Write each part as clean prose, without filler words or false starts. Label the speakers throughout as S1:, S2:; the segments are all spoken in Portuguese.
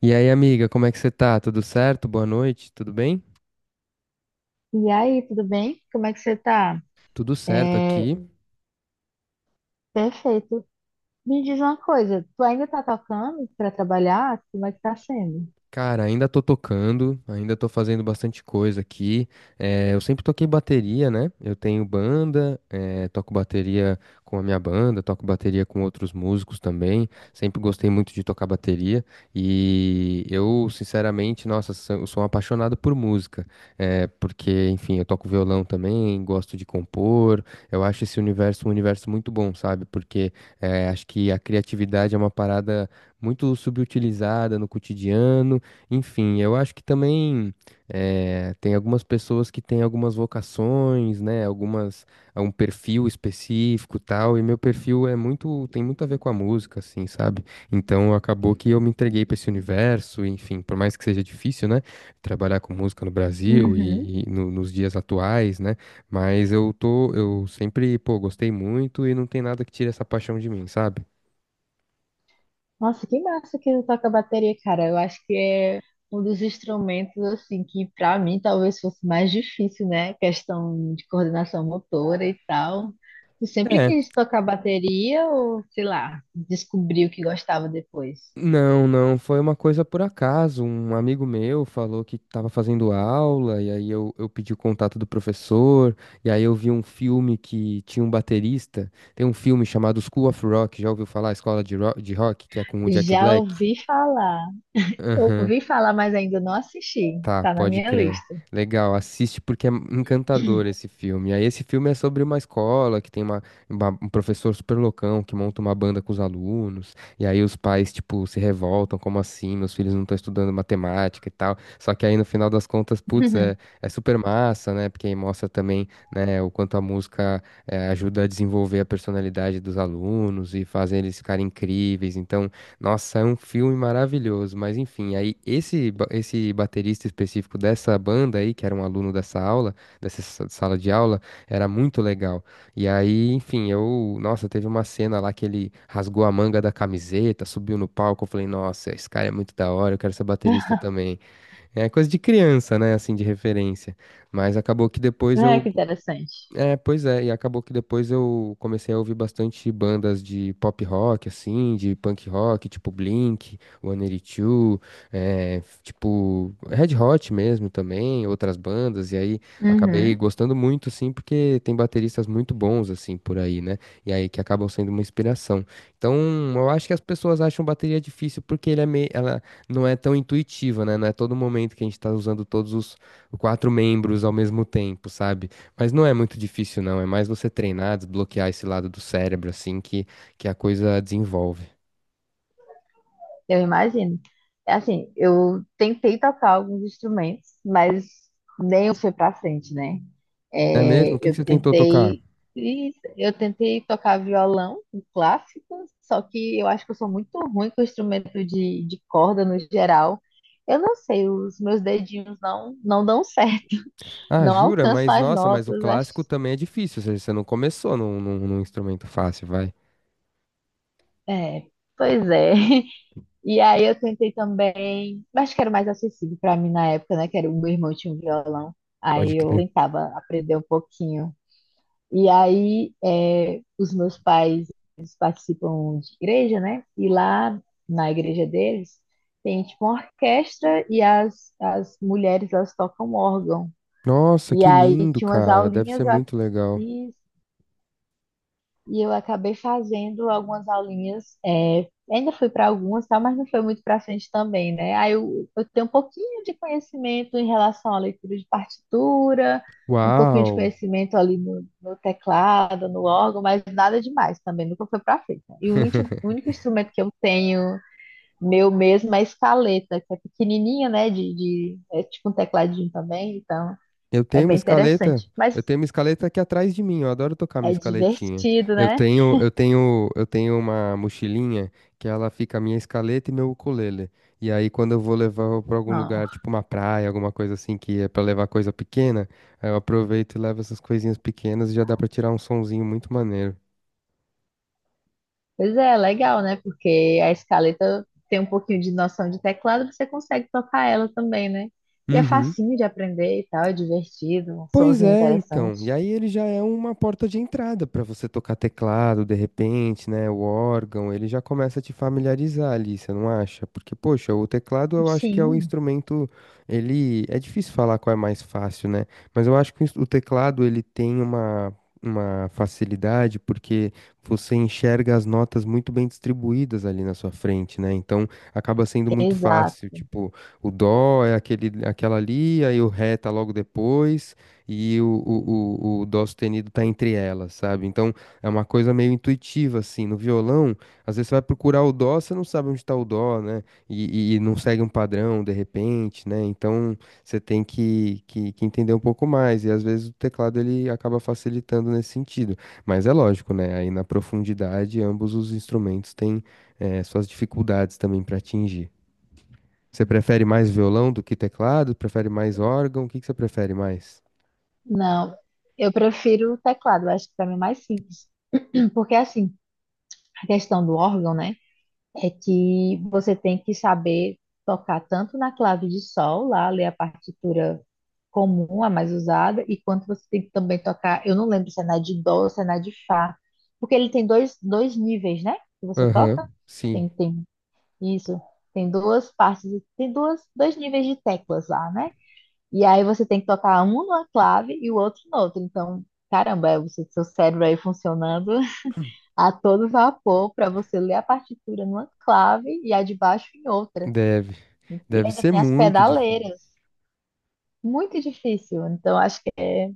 S1: E aí, amiga, como é que você tá? Tudo certo? Boa noite, tudo bem?
S2: E aí, tudo bem? Como é que você tá?
S1: Tudo certo
S2: É,
S1: aqui.
S2: perfeito. Me diz uma coisa, tu ainda tá tocando pra trabalhar? Como é que tá sendo?
S1: Cara, ainda tô tocando, ainda tô fazendo bastante coisa aqui. Eu sempre toquei bateria, né? Eu tenho banda, toco bateria com a minha banda, toco bateria com outros músicos também. Sempre gostei muito de tocar bateria e eu, sinceramente, nossa, eu sou um apaixonado por música. Porque, enfim, eu toco violão também, gosto de compor. Eu acho esse universo um universo muito bom, sabe? Porque acho que a criatividade é uma parada muito subutilizada no cotidiano. Enfim, eu acho que também, tem algumas pessoas que têm algumas vocações, né? Algumas, um perfil específico, tal, e meu perfil é muito, tem muito a ver com a música, assim, sabe? Então acabou que eu me entreguei para esse universo, enfim, por mais que seja difícil, né? Trabalhar com música no Brasil
S2: Uhum.
S1: e, nos dias atuais, né? Mas eu tô, eu sempre, pô, gostei muito e não tem nada que tire essa paixão de mim, sabe?
S2: Nossa, que massa que tu toca bateria, cara. Eu acho que é um dos instrumentos, assim, que pra mim talvez fosse mais difícil, né? Questão de coordenação motora e tal. Tu sempre quis tocar bateria ou, sei lá, descobriu que gostava depois?
S1: Não, não, foi uma coisa por acaso. Um amigo meu falou que estava fazendo aula, e aí eu pedi o contato do professor, e aí eu vi um filme que tinha um baterista. Tem um filme chamado School of Rock, já ouviu falar? Escola de, de Rock, que é com o Jack
S2: Já
S1: Black.
S2: ouvi falar.
S1: Aham.
S2: Ouvi falar, mas ainda não assisti.
S1: Tá,
S2: Tá na
S1: pode
S2: minha
S1: crer.
S2: lista.
S1: Legal, assiste porque é encantador esse filme. Aí esse filme é sobre uma escola que tem uma, um professor super loucão que monta uma banda com os alunos. E aí os pais, tipo, se revoltam, como assim? Meus filhos não estão estudando matemática e tal. Só que aí no final das contas, putz, é, é super massa, né? Porque aí mostra também, né, o quanto a música ajuda a desenvolver a personalidade dos alunos e faz eles ficarem incríveis. Então, nossa, é um filme maravilhoso, mas enfim, aí esse, esse baterista específico dessa banda aí, que era um aluno dessa aula, dessa sala de aula, era muito legal. E aí, enfim, eu, nossa, teve uma cena lá que ele rasgou a manga da camiseta, subiu no palco, eu falei, nossa, esse cara é muito da hora, eu quero ser baterista também. É coisa de criança, né, assim, de referência. Mas acabou que depois
S2: É,
S1: eu
S2: que interessante.
S1: é, pois é, e acabou que depois eu comecei a ouvir bastante bandas de pop rock, assim, de punk rock, tipo Blink, One Two, é, tipo Red Hot mesmo também, outras bandas, e aí acabei
S2: Uhum,
S1: gostando muito, assim, porque tem bateristas muito bons, assim, por aí, né? E aí que acabam sendo uma inspiração. Então, eu acho que as pessoas acham bateria difícil porque ele é meio, ela não é tão intuitiva, né? Não é todo momento que a gente tá usando todos os quatro membros ao mesmo tempo, sabe? Mas não é muito difícil, não. É mais você treinar, desbloquear esse lado do cérebro, assim, que a coisa desenvolve.
S2: eu imagino. É. Assim, eu tentei tocar alguns instrumentos, mas nem foi pra frente, né?
S1: É mesmo? O
S2: É,
S1: que que você tentou tocar?
S2: e eu tentei tocar violão, um clássico, só que eu acho que eu sou muito ruim com instrumento de corda no geral. Eu não sei, os meus dedinhos não dão certo,
S1: Ah,
S2: não
S1: jura?
S2: alcanço
S1: Mas
S2: as
S1: nossa, mas o
S2: notas, acho.
S1: clássico também é difícil. Ou seja, você não começou num instrumento fácil, vai.
S2: É, pois é. E aí eu tentei também, mas que era mais acessível para mim na época, né? Que era o meu irmão tinha um violão.
S1: Pode
S2: Aí eu
S1: crer.
S2: tentava aprender um pouquinho. E aí é, os meus pais eles participam de igreja, né? E lá na igreja deles tem tipo uma orquestra e as mulheres elas tocam órgão.
S1: Nossa,
S2: E
S1: que
S2: aí
S1: lindo,
S2: tinha umas
S1: cara. Deve
S2: aulinhas,
S1: ser
S2: eu
S1: muito legal.
S2: fiz e eu acabei fazendo algumas aulinhas, é, ainda fui para algumas, tá, mas não foi muito para frente também, né? Aí eu tenho um pouquinho de conhecimento em relação à leitura de partitura, um pouquinho de
S1: Uau!
S2: conhecimento ali no, no teclado, no órgão, mas nada demais também, nunca foi para frente, né? E o único, o único instrumento que eu tenho meu mesmo é a escaleta, que é pequenininha, né? É tipo um tecladinho também, então
S1: Eu
S2: é
S1: tenho uma
S2: bem
S1: escaleta.
S2: interessante. Mas
S1: Eu tenho uma escaleta aqui atrás de mim. Eu adoro tocar minha
S2: é
S1: escaletinha.
S2: divertido, né?
S1: Eu tenho uma mochilinha que ela fica a minha escaleta e meu ukulele. E aí quando eu vou levar para algum lugar, tipo uma praia, alguma coisa assim que é para levar coisa pequena, aí eu aproveito e levo essas coisinhas pequenas e já dá para tirar um sonzinho muito maneiro.
S2: Pois é, legal, né? Porque a escaleta tem um pouquinho de noção de teclado, você consegue tocar ela também, né? E é
S1: Uhum.
S2: facinho de aprender e tal, é divertido, um
S1: Pois
S2: sonzinho
S1: é, então. E
S2: interessante.
S1: aí ele já é uma porta de entrada para você tocar teclado, de repente, né? O órgão, ele já começa a te familiarizar ali, você não acha? Porque, poxa, o teclado eu acho que é o
S2: Sim.
S1: instrumento, ele é difícil falar qual é mais fácil, né? Mas eu acho que o o teclado ele tem uma facilidade porque você enxerga as notas muito bem distribuídas ali na sua frente, né? Então acaba sendo muito fácil,
S2: Exato.
S1: tipo, o dó é aquele aquela ali, aí o ré tá logo depois e o dó sustenido tá entre elas, sabe? Então é uma coisa meio intuitiva, assim. No violão, às vezes você vai procurar o dó, você não sabe onde tá o dó, né? E, não segue um padrão de repente, né? Então você tem que entender um pouco mais. E às vezes o teclado ele acaba facilitando nesse sentido. Mas é lógico, né? Aí na profundidade, ambos os instrumentos têm suas dificuldades também para atingir. Você prefere mais violão do que teclado? Prefere mais órgão? O que que você prefere mais?
S2: Não, eu prefiro o teclado, eu acho que para mim é mais simples. Porque assim, a questão do órgão, né? É que você tem que saber tocar tanto na clave de sol, lá, ler a partitura comum, a mais usada, e quanto você tem que também tocar, eu não lembro se é na de dó ou se é na de fá, porque ele tem dois níveis, né, que você
S1: Aham,
S2: toca,
S1: sim,
S2: tem isso, tem duas partes, tem duas, dois níveis de teclas lá, né, e aí você tem que tocar um numa clave e o outro no outro então, caramba, é o seu cérebro aí funcionando a todo vapor para você ler a partitura numa clave e a de baixo em outra.
S1: deve.
S2: E
S1: Deve
S2: ainda
S1: ser
S2: tem as
S1: muito difícil.
S2: pedaleiras. Muito difícil. Então, acho que é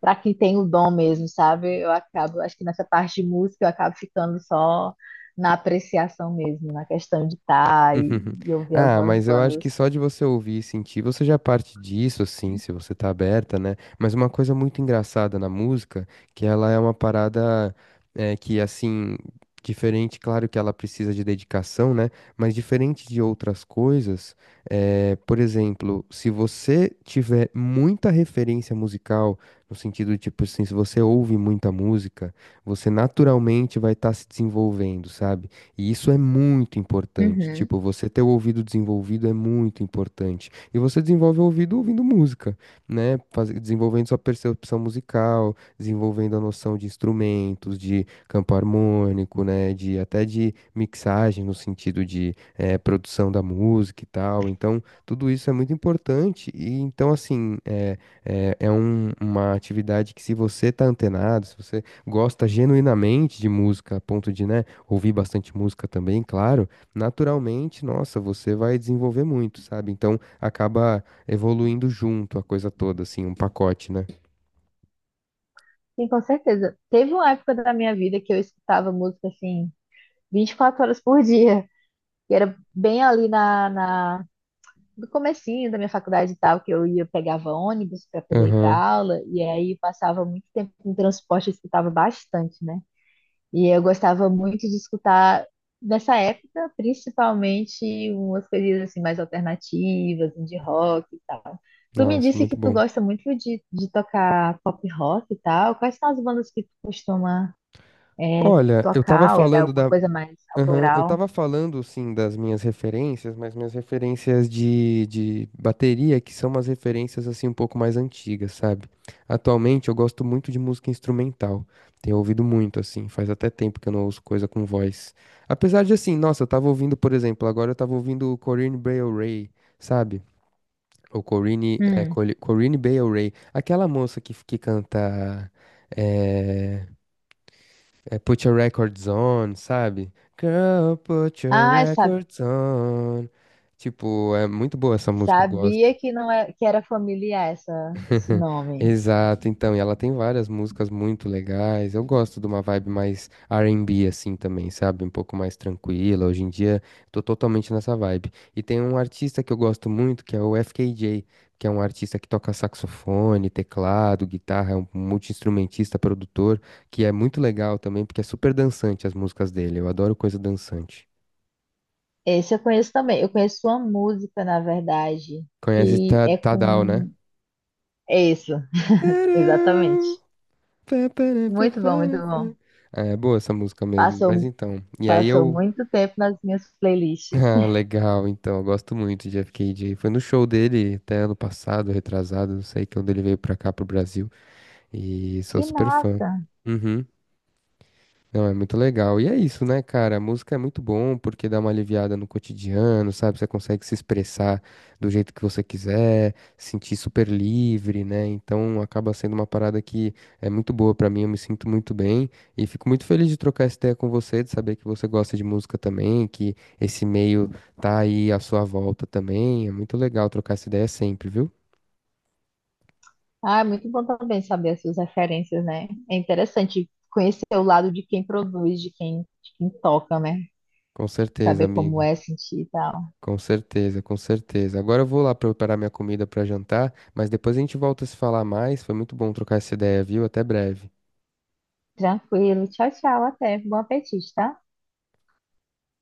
S2: para quem tem o dom mesmo, sabe? Eu acabo, acho que nessa parte de música eu acabo ficando só na apreciação mesmo, na questão de estar e ouvir
S1: Ah,
S2: algumas
S1: mas eu acho que
S2: bandas.
S1: só de você ouvir e sentir, você já parte disso, assim, se você tá aberta, né? Mas uma coisa muito engraçada na música, que ela é uma parada é, que, assim, diferente, claro que ela precisa de dedicação, né? Mas diferente de outras coisas, é, por exemplo, se você tiver muita referência musical, no sentido, tipo assim, se você ouve muita música, você naturalmente vai estar se desenvolvendo, sabe? E isso é muito importante.
S2: Uhum.
S1: Tipo, você ter o ouvido desenvolvido é muito importante. E você desenvolve o ouvido ouvindo música, né? Desenvolvendo sua percepção musical, desenvolvendo a noção de instrumentos, de campo harmônico, né? De até de mixagem no sentido de produção da música e tal. Então, tudo isso é muito importante. E então, assim, é uma atividade que se você tá antenado, se você gosta genuinamente de música, a ponto de, né? Ouvir bastante música também, claro, naturalmente, nossa, você vai desenvolver muito, sabe? Então acaba evoluindo junto a coisa toda, assim, um pacote, né?
S2: Sim, com certeza. Teve uma época da minha vida que eu escutava música assim 24 horas por dia, que era bem ali na, na, do comecinho da minha faculdade e tal, que eu ia, pegava ônibus para poder ir para
S1: Aham.
S2: aula, e aí passava muito tempo em transporte, eu escutava bastante, né? E eu gostava muito de escutar, nessa época, principalmente umas coisas assim mais alternativas, de rock e tal. Tu me
S1: Nossa,
S2: disse que
S1: muito
S2: tu
S1: bom.
S2: gosta muito de tocar pop rock e tal. Quais são as bandas que tu costuma é,
S1: Olha, eu tava
S2: tocar? Ou é
S1: falando
S2: alguma
S1: da
S2: coisa mais
S1: aham. Eu
S2: autoral?
S1: tava falando, sim, das minhas referências, mas minhas referências de bateria, que são umas referências, assim, um pouco mais antigas, sabe? Atualmente eu gosto muito de música instrumental, tenho ouvido muito, assim, faz até tempo que eu não ouço coisa com voz. Apesar de, assim, nossa, eu tava ouvindo, por exemplo, agora eu tava ouvindo o Corinne Bailey Rae, sabe? Ou Corinne, é,
S2: Hum.
S1: Corinne Bailey Rae, aquela moça que canta... é, é Put Your Records On, sabe? Girl, put your
S2: Ah, essa.
S1: records on. Tipo, é muito boa essa música, eu gosto.
S2: Sabia que não é, que era familiar essa, esse nome.
S1: Exato, então, e ela tem várias músicas muito legais. Eu gosto de uma vibe mais R&B assim também, sabe? Um pouco mais tranquila. Hoje em dia tô totalmente nessa vibe. E tem um artista que eu gosto muito, que é o FKJ, que é um artista que toca saxofone, teclado, guitarra, é um multi-instrumentista, produtor, que é muito legal também, porque é super dançante as músicas dele. Eu adoro coisa dançante.
S2: Esse eu conheço também. Eu conheço uma música, na verdade,
S1: Conhece
S2: que é
S1: Tadal, né?
S2: com. É isso,
S1: Tadam!
S2: exatamente.
S1: Pá, pará, pá,
S2: Muito bom, muito
S1: pará, pá.
S2: bom.
S1: Ah, é boa essa música mesmo. Mas
S2: Passou,
S1: então, e aí
S2: passou
S1: eu.
S2: muito tempo nas minhas playlists.
S1: Ah, legal, então, eu gosto muito de FKJ. Foi no show dele até ano passado, retrasado, não sei, quando ele veio pra cá, pro Brasil. E sou
S2: Que
S1: super fã.
S2: massa!
S1: Uhum. Não, é muito legal. E é isso, né, cara? A música é muito bom porque dá uma aliviada no cotidiano, sabe? Você consegue se expressar do jeito que você quiser, se sentir super livre, né? Então acaba sendo uma parada que é muito boa pra mim, eu me sinto muito bem e fico muito feliz de trocar essa ideia com você, de saber que você gosta de música também, que esse meio tá aí à sua volta também. É muito legal trocar essa ideia sempre, viu?
S2: Ah, é muito bom também saber as suas referências, né? É interessante conhecer o lado de quem produz, de quem toca, né?
S1: Com certeza,
S2: Saber como
S1: amiga.
S2: é sentir e tal.
S1: Com certeza, com certeza. Agora eu vou lá preparar minha comida para jantar, mas depois a gente volta a se falar mais. Foi muito bom trocar essa ideia, viu? Até breve.
S2: Tranquilo. Tchau, tchau. Até. Bom apetite, tá?